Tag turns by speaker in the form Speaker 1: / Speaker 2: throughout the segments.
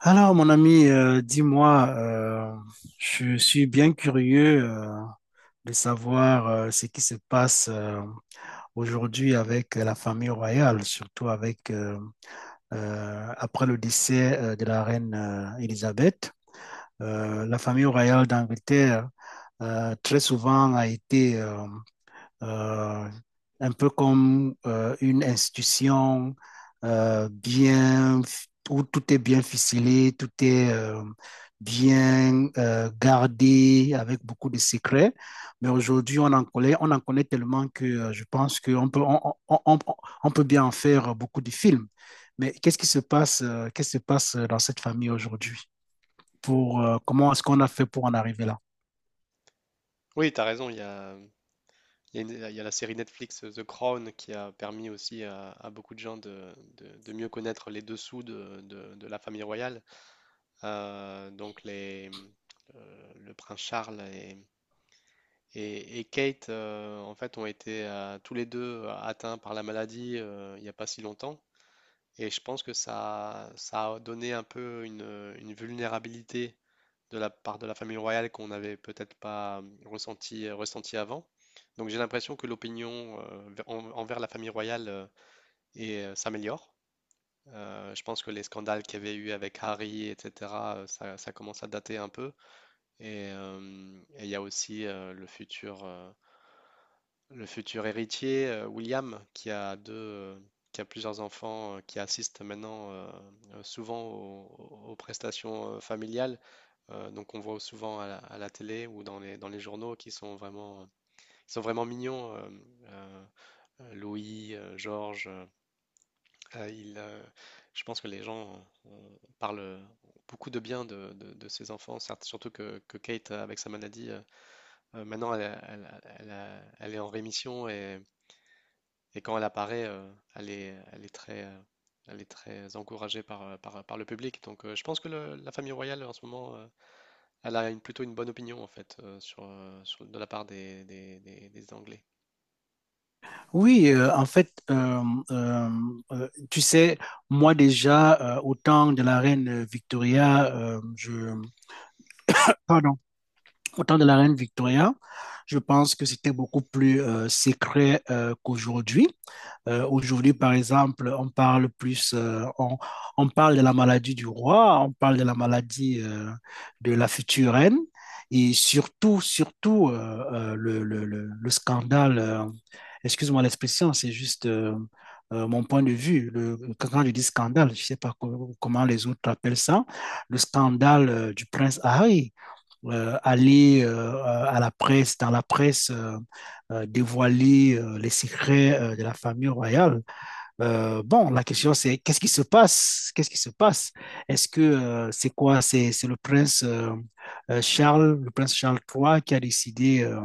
Speaker 1: Alors, mon ami, dis-moi, je suis bien curieux de savoir ce qui se passe aujourd'hui avec la famille royale, surtout avec après le décès de la reine Élisabeth. La famille royale d'Angleterre très souvent a été euh, un peu comme une institution bien, où tout est bien ficelé, tout est bien gardé avec beaucoup de secrets. Mais aujourd'hui, on en connaît tellement que je pense qu'on peut, on- on- on peut bien en faire beaucoup de films. Mais qu'est-ce qui se passe, qu'est-ce qui se passe dans cette famille aujourd'hui? Comment est-ce qu'on a fait pour en arriver là?
Speaker 2: Oui, t'as raison, il y a une- il y a la série Netflix The Crown qui a permis aussi à beaucoup de gens de, de mieux connaître les dessous de, de la famille royale. Euh, donc les, le prince Charles et, et Kate, en fait, ont été tous les deux atteints par la maladie il n'y a pas si longtemps. Et je pense que ça a donné un peu une vulnérabilité de la part de la famille royale qu'on n'avait peut-être pas ressenti, ressenti avant. Donc j'ai l'impression que l'opinion envers la famille royale s'améliore. Je pense que les scandales qu'il y avait eu avec Harry, etc., ça, ça commence à dater un peu. Et il y a aussi le futur héritier, William, qui a qui a plusieurs enfants, qui assistent maintenant souvent aux, aux prestations familiales. Donc on voit souvent à la télé ou dans les journaux qui sont vraiment, ils sont vraiment mignons. Euh, Louis, Georges, euh, il, euh, je pense que les gens parlent beaucoup de bien de ces enfants, surtout que Kate, avec sa maladie, maintenant elle elle elle est en rémission et quand elle apparaît, elle est très... elle est très encouragée par, par, par le public. Donc, je pense que la famille royale en ce moment elle a une, plutôt une bonne opinion en fait sur, de la part des, des Anglais.
Speaker 1: Oui, euh, tu sais, moi déjà, au temps de la reine Victoria, pardon, au temps de la reine Victoria, je pense que c'était beaucoup plus secret qu'aujourd'hui. Aujourd'hui, par exemple, on parle de la maladie du roi, on parle de la maladie de la future reine et surtout, le scandale, excuse-moi l'expression, c'est juste mon point de vue. Quand je dis scandale, je ne sais pas comment les autres appellent ça, le scandale du prince Harry aller à la presse, dans la presse, dévoiler les secrets de la famille royale. Bon, la question c'est qu'est-ce qui se passe? Qu'est-ce qui se passe? Est-ce que c'est quoi? C'est le prince le prince Charles III qui a décidé euh,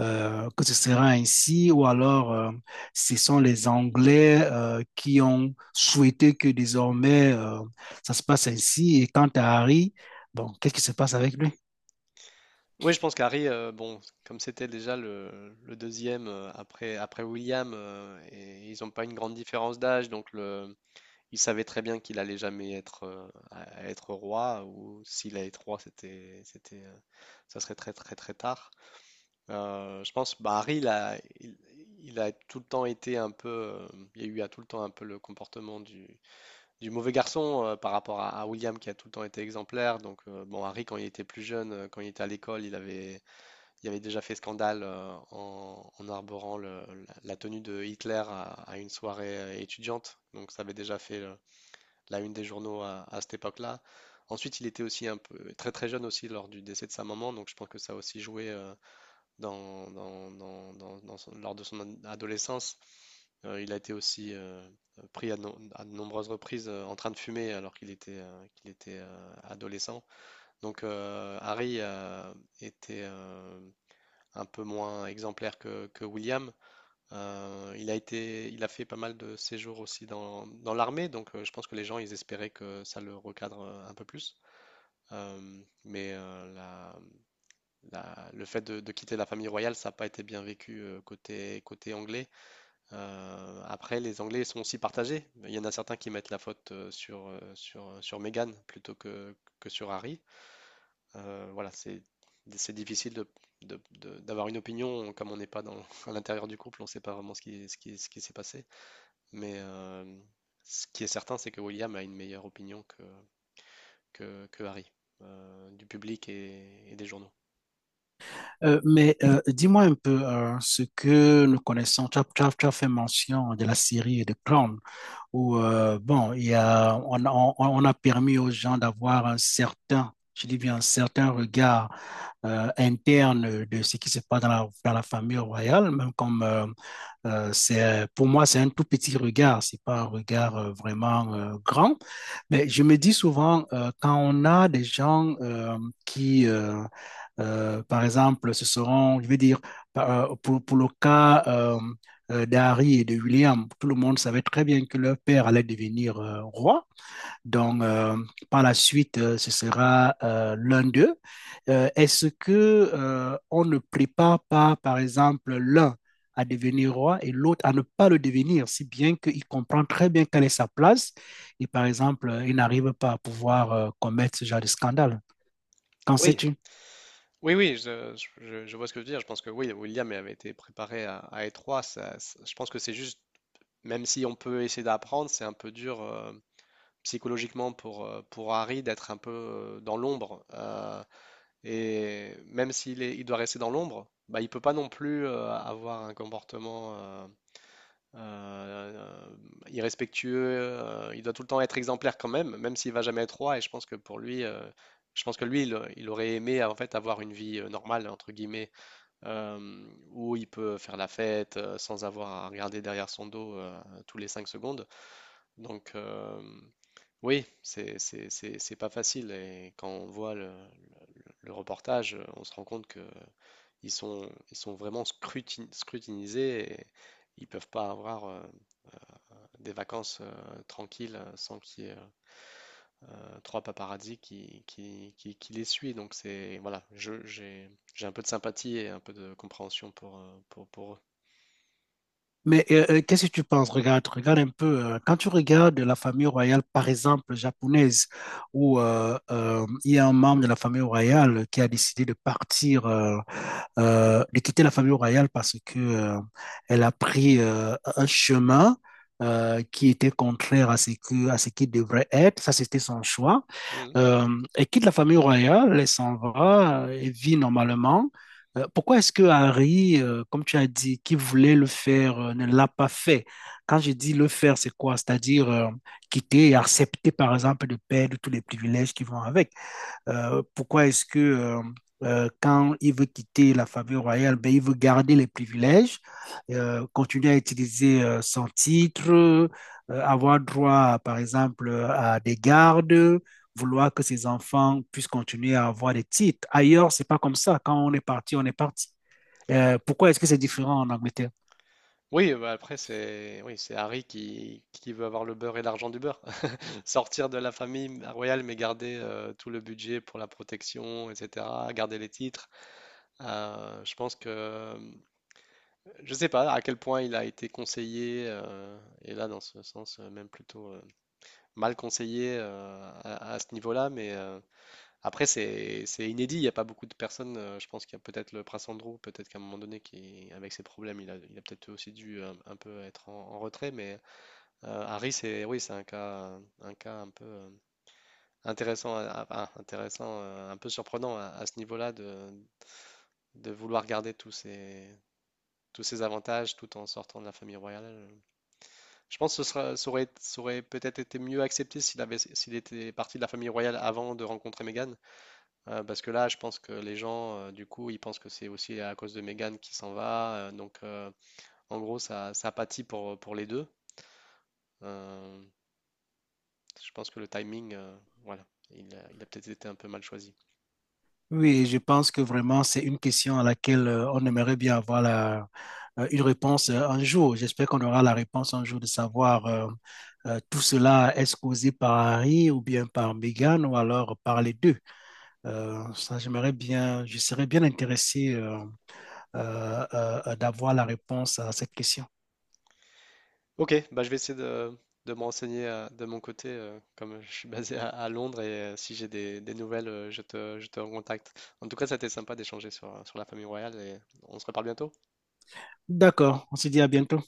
Speaker 1: euh, que ce sera ainsi, ou alors ce sont les Anglais qui ont souhaité que désormais ça se passe ainsi. Et quant à Harry, bon, qu'est-ce qui se passe avec lui?
Speaker 2: Oui, je pense qu'Harry, bon, comme c'était déjà le deuxième après, après William, et ils n'ont pas une grande différence d'âge, il savait très bien qu'il allait jamais être, à être roi, ou s'il allait être roi, c'était, c'était, ça serait très très très tard. Je pense, bah, Harry, il a tout le temps été un peu, il y a eu à tout le temps un peu le comportement du mauvais garçon par rapport à William qui a tout le temps été exemplaire. Donc, bon, Harry, quand il était plus jeune, quand il était à l'école, il avait déjà fait scandale en, en arborant la tenue de Hitler à une soirée étudiante. Donc, ça avait déjà fait la une des journaux à cette époque-là. Ensuite, il était aussi un peu très très jeune aussi lors du décès de sa maman, donc je pense que ça a aussi joué dans, dans lors de son adolescence. Il a été aussi pris à, à de nombreuses reprises en train de fumer alors qu'il était adolescent. Donc Harry était un peu moins exemplaire que William. Il a fait pas mal de séjours aussi dans, dans l'armée, donc je pense que les gens ils espéraient que ça le recadre un peu plus. Euh, mais euh, la- le fait de quitter la famille royale, ça n'a pas été bien vécu côté, côté anglais. Après, les Anglais sont aussi partagés. Il y en a certains qui mettent la faute sur, sur, sur Meghan plutôt que sur Harry. Voilà, c'est difficile de, d'avoir une opinion comme on n'est pas dans, à l'intérieur du couple, on ne sait pas vraiment ce qui, ce qui, ce qui s'est passé. Mais euh, Ce qui est certain, c'est que William a une meilleure opinion que Harry, du public et des journaux.
Speaker 1: Mais dis-moi un peu ce que nous connaissons. Tu as, tu as- tu as fait mention de la série de Crown où bon, il y a, on a permis aux gens d'avoir un certain, je dis bien un certain regard interne de ce qui se passe dans la famille royale, même comme c'est, pour moi, c'est un tout petit regard, c'est pas un regard vraiment grand. Mais je me dis souvent, quand on a des gens qui, par exemple, ce seront, je vais dire, par- pour le cas d'Harry et de William, tout le monde savait très bien que leur père allait devenir roi. Donc, par la suite, ce sera l'un d'eux. Est-ce que on ne prépare pas, par exemple, l'un à devenir roi et l'autre à ne pas le devenir, si bien qu'il comprend très bien quelle est sa place et par exemple, il n'arrive pas à pouvoir commettre ce genre de scandale. Qu'en
Speaker 2: Oui,
Speaker 1: sais-tu
Speaker 2: Oui, oui, je, je vois ce que tu veux dire. Je pense que oui, William avait été préparé à étroit. Je pense que c'est juste. Même si on peut essayer d'apprendre, c'est un peu dur psychologiquement pour Harry d'être un peu dans l'ombre. Et même s'il est, il doit rester dans l'ombre, bah, il peut pas non plus avoir un comportement euh, irrespectueux. Il doit tout le temps être exemplaire quand même, même s'il va jamais être roi. Et je pense que pour lui, je pense que lui, il aurait aimé en fait avoir une vie normale entre guillemets, euh, où il peut faire la fête sans avoir à regarder derrière son dos tous les cinq secondes. Donc, oui, c'est pas facile. Et quand on voit le reportage, on se rend compte que ils sont vraiment scrutinisés et ils peuvent pas avoir des vacances tranquilles sans qu'il y ait trois paparazzi qui, qui les suivent. Donc, c'est, voilà, j'ai un peu de sympathie et un peu de compréhension pour eux.
Speaker 1: Mais qu'est-ce que tu penses? Regarde, regarde un peu. Quand tu regardes la famille royale, par exemple, japonaise, où il y a un membre de la famille royale qui a décidé de partir, de quitter la famille royale parce que elle a pris un chemin qui était contraire à ce que, à ce qui devrait être. Ça, c'était son choix
Speaker 2: Mhm.
Speaker 1: et quitte la famille royale, elle s'en va et vit normalement. Pourquoi est-ce que Harry, comme tu as dit, qui voulait le faire, ne l'a pas fait? Quand je dis le faire, c'est quoi? C'est-à-dire quitter et accepter, par exemple, de perdre tous les privilèges qui vont avec. Pourquoi est-ce que quand il veut quitter la famille royale, ben, il veut garder les privilèges, continuer à utiliser son titre, avoir droit, par exemple, à des gardes, vouloir que ses enfants puissent continuer à avoir des titres. Ailleurs, c'est pas comme ça. Quand on est parti, on est parti. Pourquoi est-ce que c'est différent en Angleterre?
Speaker 2: Oui, bah après, c'est oui, c'est Harry qui veut avoir le beurre et l'argent du beurre. Sortir de la famille royale, mais garder tout le budget pour la protection, etc., garder les titres. Euh, je pense que euh, je sais pas à quel point il a été conseillé, et là, dans ce sens, même plutôt mal conseillé à ce niveau-là, après, c'est inédit, il n'y a pas beaucoup de personnes. Je pense qu'il y a peut-être le prince Andrew, peut-être qu'à un moment donné, qui, avec ses problèmes, il a peut-être aussi dû un peu être en, en retrait, Harry, c'est oui, c'est un cas, un cas un peu. Intéressant, intéressant, un peu surprenant à ce niveau-là de vouloir garder tous ces avantages tout en sortant de la famille royale. Je pense que ça aurait peut-être été mieux accepté s'il avait, s'il était parti de la famille royale avant de rencontrer Meghan, parce que là, je pense que les gens, du coup, ils pensent que c'est aussi à cause de Meghan qui s'en va. En gros, ça pâtit pour les deux. Euh, je pense que le timing, voilà, il a peut-être été un peu mal choisi.
Speaker 1: Oui, je pense que vraiment, c'est une question à laquelle on aimerait bien avoir la, une réponse un jour. J'espère qu'on aura la réponse un jour de savoir tout cela est-ce causé par Harry ou bien par Meghan ou alors par les deux. Ça, j'aimerais bien, je serais bien intéressé d'avoir la réponse à cette question.
Speaker 2: Ok, bah je vais essayer de me renseigner de mon côté, comme je suis basé à Londres, et si j'ai des nouvelles, je te recontacte. En tout cas, ça a été sympa d'échanger sur, sur la famille royale, et on se reparle bientôt.
Speaker 1: D'accord, on se dit à bientôt.